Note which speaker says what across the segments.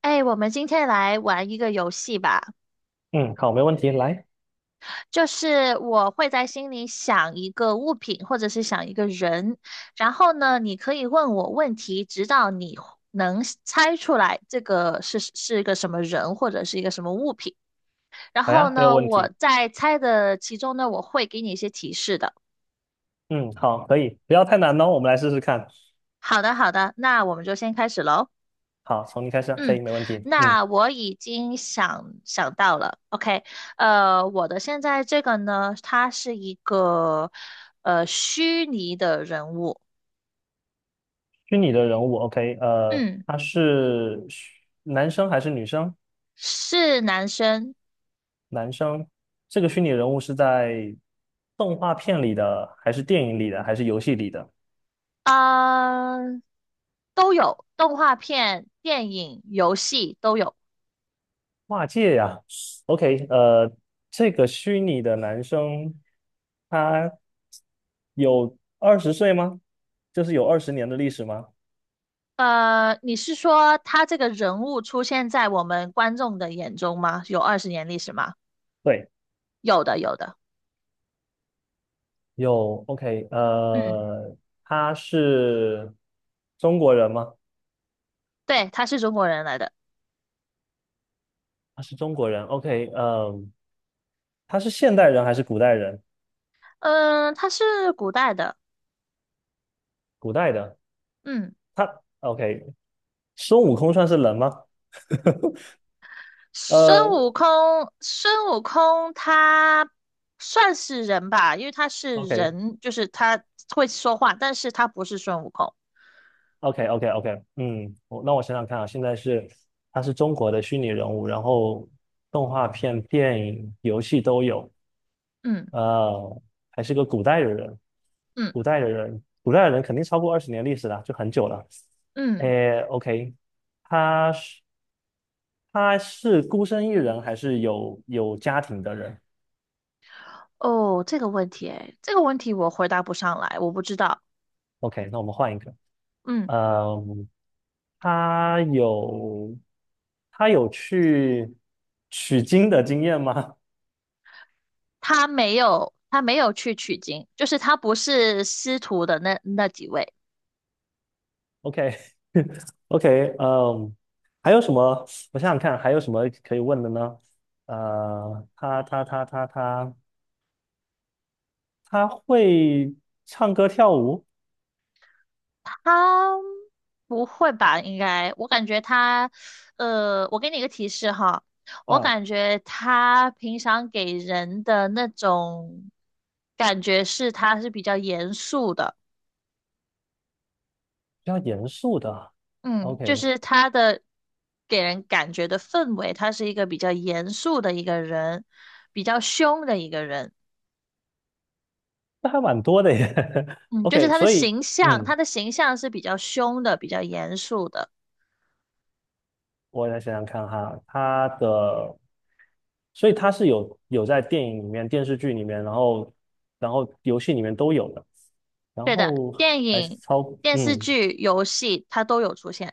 Speaker 1: 哎，我们今天来玩一个游戏吧，
Speaker 2: 嗯，好，没问题，来，
Speaker 1: 就是我会在心里想一个物品或者是想一个人，然后呢，你可以问我问题，直到你能猜出来这个是一个什么人或者是一个什么物品。然
Speaker 2: 好
Speaker 1: 后
Speaker 2: 呀，没有
Speaker 1: 呢，
Speaker 2: 问
Speaker 1: 我
Speaker 2: 题。
Speaker 1: 在猜的其中呢，我会给你一些提示的。
Speaker 2: 嗯，好，可以，不要太难哦，我们来试试看。
Speaker 1: 好的，好的，那我们就先开始喽。
Speaker 2: 好，从你开始啊，可
Speaker 1: 嗯，
Speaker 2: 以，没问题。嗯，
Speaker 1: 那我已经想到了，OK，我的现在这个呢，他是一个虚拟的人物，
Speaker 2: 虚拟的人物，OK，
Speaker 1: 嗯，
Speaker 2: 他是虚男生还是女生？
Speaker 1: 是男生，
Speaker 2: 男生。这个虚拟人物是在动画片里的，还是电影里的，还是游戏里的？
Speaker 1: 啊、都有，动画片、电影、游戏都有。
Speaker 2: 跨界呀，OK，这个虚拟的男生，他有20岁吗？就是有二十年的历史吗？
Speaker 1: 你是说他这个人物出现在我们观众的眼中吗？有20年历史吗？
Speaker 2: 对。
Speaker 1: 有的，有的，
Speaker 2: 有，OK，
Speaker 1: 嗯，
Speaker 2: 他是中国人吗？
Speaker 1: 对，他是中国人来的，
Speaker 2: 他是中国人，OK，他是现代人还是古代人？
Speaker 1: 嗯、他是古代的。
Speaker 2: 古代的，
Speaker 1: 嗯。
Speaker 2: OK，孙悟空算是人吗？
Speaker 1: 孙
Speaker 2: 呃
Speaker 1: 悟空，孙悟空他算是人吧，因为他是人，就是他会说话，但是他不是孙悟空。
Speaker 2: ，OK，OK，OK，OK，嗯，那我想想看啊，现在是他是中国的虚拟人物，然后动画片、电影、游戏都有，
Speaker 1: 嗯
Speaker 2: 呃，还是个古代的人，
Speaker 1: 嗯
Speaker 2: 肯定超过二十年历史了，就很久了。
Speaker 1: 嗯，
Speaker 2: 诶，OK，他是他是孤身一人还是有家庭的人
Speaker 1: 哦，这个问题，哎，这个问题我回答不上来，我不知道。
Speaker 2: ？OK，那我们换一个。
Speaker 1: 嗯，
Speaker 2: 嗯，他有他有去取经的经验吗
Speaker 1: 他没有去取经，就是他不是师徒的那几位。
Speaker 2: ？OK OK，嗯，还有什么？我想想看，还有什么可以问的呢？呃，他他他他他。他会唱歌跳舞
Speaker 1: 他不会吧？应该，我感觉他，我给你一个提示哈，我
Speaker 2: 啊，
Speaker 1: 感觉他平常给人的那种感觉是他是比较严肃的，
Speaker 2: 比较严肃的。
Speaker 1: 嗯，就
Speaker 2: OK，
Speaker 1: 是他的给人感觉的氛围，他是一个比较严肃的一个人，比较凶的一个人，
Speaker 2: 那还蛮多的耶。
Speaker 1: 嗯，就是
Speaker 2: OK，
Speaker 1: 他的
Speaker 2: 所以
Speaker 1: 形象，他
Speaker 2: 嗯，
Speaker 1: 的形象是比较凶的，比较严肃的，
Speaker 2: 我来想想看哈，所以他是有在电影里面、电视剧里面，然后游戏里面都有的，然
Speaker 1: 对的，
Speaker 2: 后
Speaker 1: 电
Speaker 2: 还是
Speaker 1: 影。
Speaker 2: 超
Speaker 1: 电视
Speaker 2: 嗯，
Speaker 1: 剧、游戏，他都有出现。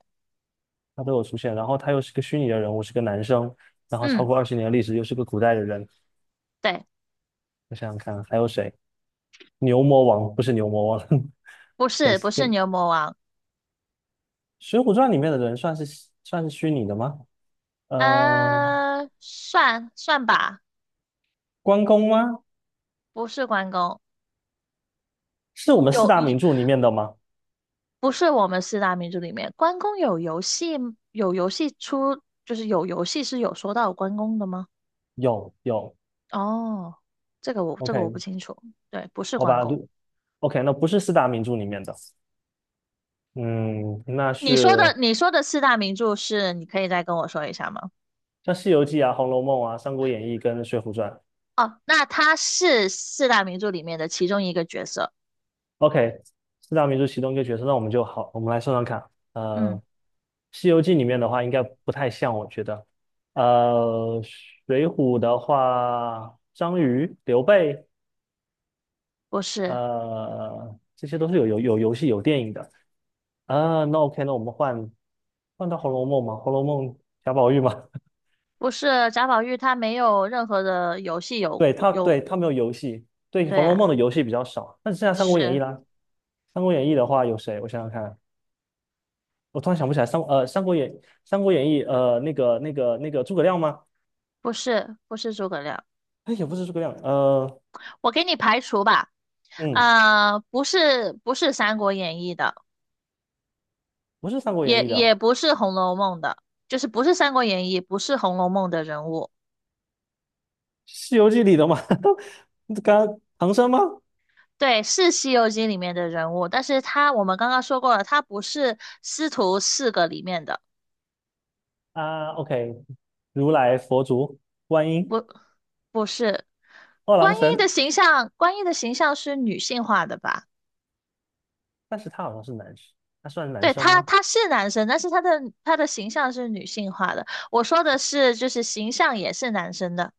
Speaker 2: 他都有出现。然后他又是个虚拟的人物，是个男生，然后超
Speaker 1: 嗯，
Speaker 2: 过二十年的历史，又是个古代的人。
Speaker 1: 对，
Speaker 2: 我想想看还有谁？牛魔王不是牛魔王。
Speaker 1: 不
Speaker 2: 跟
Speaker 1: 是不是
Speaker 2: 跟
Speaker 1: 牛魔王，
Speaker 2: 《水浒传》里面的人算是虚拟的吗？嗯、
Speaker 1: 呃，算算吧，
Speaker 2: 关公吗？
Speaker 1: 不是关公，
Speaker 2: 是我们四
Speaker 1: 有
Speaker 2: 大
Speaker 1: 一
Speaker 2: 名著里面的吗？
Speaker 1: 不是我们四大名著里面，关公有游戏出，就是有游戏是有说到关公的吗？
Speaker 2: 有
Speaker 1: 哦，这个我不
Speaker 2: ，OK，
Speaker 1: 清楚，对，不是
Speaker 2: 好
Speaker 1: 关
Speaker 2: 吧，
Speaker 1: 公。
Speaker 2: OK，那不是四大名著里面的，嗯，那
Speaker 1: 你说的
Speaker 2: 是
Speaker 1: 你说的四大名著是，你可以再跟我说一下吗？
Speaker 2: 像《西游记》啊、《红楼梦》啊、《三国演义》跟《水浒传》。
Speaker 1: 哦，那他是四大名著里面的其中一个角色，
Speaker 2: OK，四大名著其中一个角色，那我们就好，我们来算算看。呃，
Speaker 1: 嗯，
Speaker 2: 《西游记》里面的话应该不太像，我觉得。呃，《水浒》的话，张瑜、刘备。
Speaker 1: 不是。
Speaker 2: 这些都是有游戏有电影的啊。那 OK，那我们换到《红楼梦》嘛，《红楼梦》贾宝玉嘛，
Speaker 1: 不是贾宝玉，他没有任何的游戏有，
Speaker 2: 对他没有游戏，对
Speaker 1: 对
Speaker 2: 《红楼梦》
Speaker 1: 啊，
Speaker 2: 的游戏比较少，那只剩下《三国演义》
Speaker 1: 是
Speaker 2: 啦。《三国演义》的话有谁？我想想看，我突然想不起来三国演义》那个诸葛亮吗？
Speaker 1: 不是诸葛亮？
Speaker 2: 哎，也不是诸葛亮，
Speaker 1: 我给你排除吧，
Speaker 2: 嗯，
Speaker 1: 不是《三国演义》的，
Speaker 2: 不是《三国演
Speaker 1: 也
Speaker 2: 义》
Speaker 1: 也
Speaker 2: 的，
Speaker 1: 不是《红楼梦》的，就是不是《三国演义》，不是《红楼梦》的人物，
Speaker 2: 《西游记》里的嘛，唐僧吗？
Speaker 1: 对，是《西游记》里面的人物，但是他我们刚刚说过了，他不是师徒四个里面的，
Speaker 2: 啊，OK，如来佛祖观音。
Speaker 1: 不不是。
Speaker 2: 二郎
Speaker 1: 观音的
Speaker 2: 神，
Speaker 1: 形象，观音的形象是女性化的吧？
Speaker 2: 但是他好像是男生，他算男
Speaker 1: 对
Speaker 2: 生
Speaker 1: 他，
Speaker 2: 吗
Speaker 1: 他是男生，但是他的形象是女性化的。我说的是，就是形象也是男生的。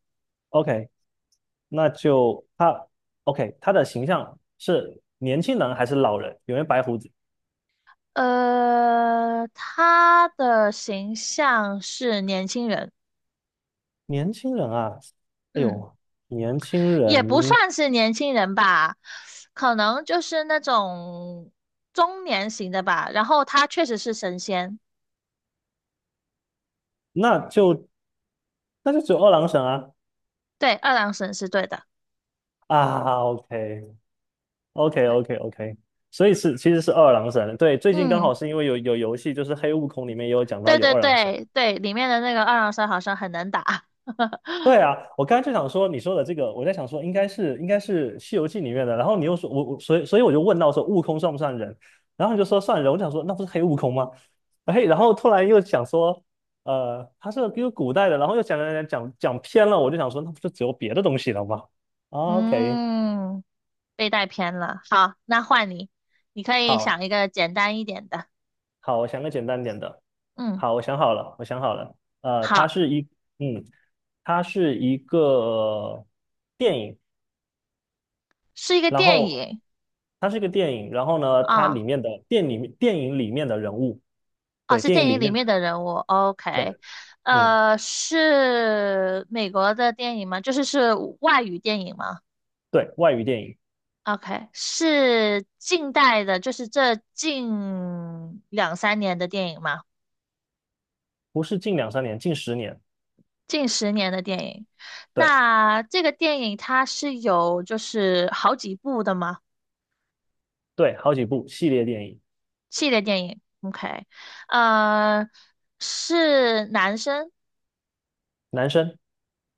Speaker 2: ？OK，那就他，OK，他的形象是年轻人还是老人？有没有白胡子？
Speaker 1: 他的形象是年轻人，
Speaker 2: 年轻人啊，哎
Speaker 1: 嗯，
Speaker 2: 呦，年轻
Speaker 1: 也不
Speaker 2: 人，
Speaker 1: 算是年轻人吧，可能就是那种中年型的吧。然后他确实是神仙，
Speaker 2: 那就那就只有二郎神啊
Speaker 1: 对，二郎神是对的。
Speaker 2: 啊，OK，OK，OK，OK，所以是其实是二郎神，对，最近刚
Speaker 1: 嗯，
Speaker 2: 好是因为有游戏，就是黑悟空里面也有讲到
Speaker 1: 对
Speaker 2: 有
Speaker 1: 对
Speaker 2: 二郎神。
Speaker 1: 对对，里面的那个二郎神好像很能打。
Speaker 2: 对 啊，我刚才就想说你说的这个，我在想说应该是《西游记》里面的，然后你又说我所以我就问到说悟空算不算人，然后你就说算人，我就想说那不是黑悟空吗？哎，然后突然又想说，他是一个古代的，然后又讲偏了，我就想说那不就只有别的东西了吗？o k
Speaker 1: 嗯。被带偏了。好，那换你，你可以
Speaker 2: 好
Speaker 1: 想一个简单一点的。
Speaker 2: 好，我想个简单点的，
Speaker 1: 嗯，
Speaker 2: 好，我想好了，我想好了，呃，它
Speaker 1: 好，
Speaker 2: 是一嗯，它是一个电影，
Speaker 1: 是一个
Speaker 2: 然
Speaker 1: 电
Speaker 2: 后
Speaker 1: 影
Speaker 2: 它是一个电影，然后呢，它里
Speaker 1: 啊，
Speaker 2: 面的电影里面的人物，
Speaker 1: 哦，
Speaker 2: 对，
Speaker 1: 是
Speaker 2: 电影
Speaker 1: 电影
Speaker 2: 里
Speaker 1: 里
Speaker 2: 面的，
Speaker 1: 面的人物。OK，
Speaker 2: 对，嗯，
Speaker 1: 是美国的电影吗？就是是外语电影吗
Speaker 2: 对，外语电影，
Speaker 1: ？OK，是近代的，就是这近两三年的电影吗？
Speaker 2: 不是近两三年，近十年，
Speaker 1: 近十年的电影。
Speaker 2: 对
Speaker 1: 那这个电影它是有就是好几部的吗？
Speaker 2: 对，好几部系列电影，
Speaker 1: 系列电影，OK，呃，是男生，
Speaker 2: 男生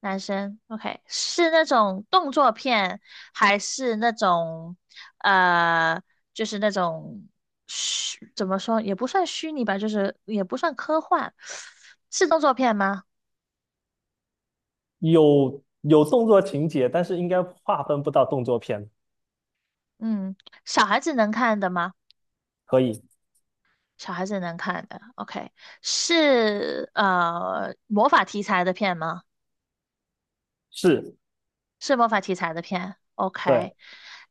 Speaker 1: 男生，OK，是那种动作片，还是那种呃，就是那种虚，怎么说，也不算虚拟吧，就是也不算科幻，是动作片吗？
Speaker 2: 有动作情节，但是应该划分不到动作片，
Speaker 1: 嗯，小孩子能看的吗？
Speaker 2: 可以
Speaker 1: 小孩子能看的，OK，是魔法题材的片吗？
Speaker 2: 是，
Speaker 1: 是魔法题材的片，OK。
Speaker 2: 对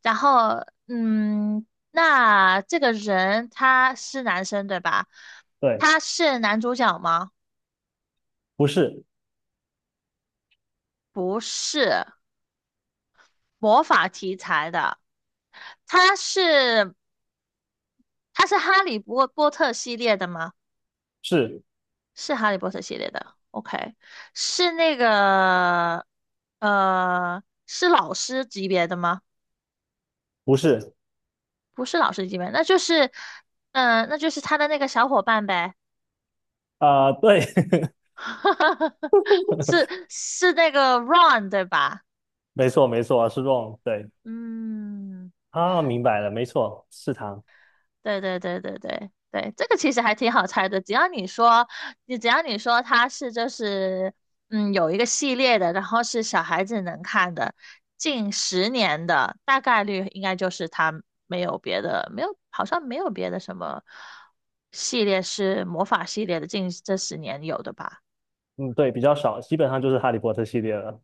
Speaker 1: 然后，嗯，那这个人他是男生对吧？
Speaker 2: 对，
Speaker 1: 他是男主角吗？
Speaker 2: 不是
Speaker 1: 不是，魔法题材的。他是他是哈利波特系列的吗？
Speaker 2: 是
Speaker 1: 是哈利波特系列的，OK。是那个是老师级别的吗？
Speaker 2: 不是
Speaker 1: 不是老师级别，那就是，嗯、那就是他的那个小伙伴呗。
Speaker 2: 啊、对，
Speaker 1: 是那个 r u n 对吧？
Speaker 2: 没错没错，是 wrong，对，
Speaker 1: 嗯，
Speaker 2: 啊，明白了，没错，是他。
Speaker 1: 对对对对对对，这个其实还挺好猜的，只要你说，你只要你说它是就是有一个系列的，然后是小孩子能看的，近十年的，大概率应该就是它没有别的，没有好像没有别的什么系列是魔法系列的，近这10年有的吧。
Speaker 2: 嗯，对，比较少，基本上就是《哈利波特》系列了。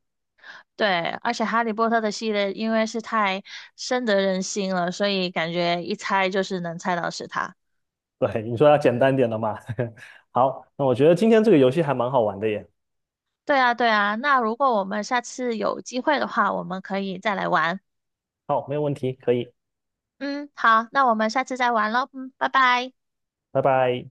Speaker 1: 对，而且《哈利波特》的系列因为是太深得人心了，所以感觉一猜就是能猜到是他。
Speaker 2: 对，你说要简单点的嘛。好，那我觉得今天这个游戏还蛮好玩的耶。
Speaker 1: 对啊，对啊。那如果我们下次有机会的话，我们可以再来玩。
Speaker 2: 好，没有问题，可以，
Speaker 1: 嗯，好，那我们下次再玩喽。嗯，拜拜。
Speaker 2: 拜拜。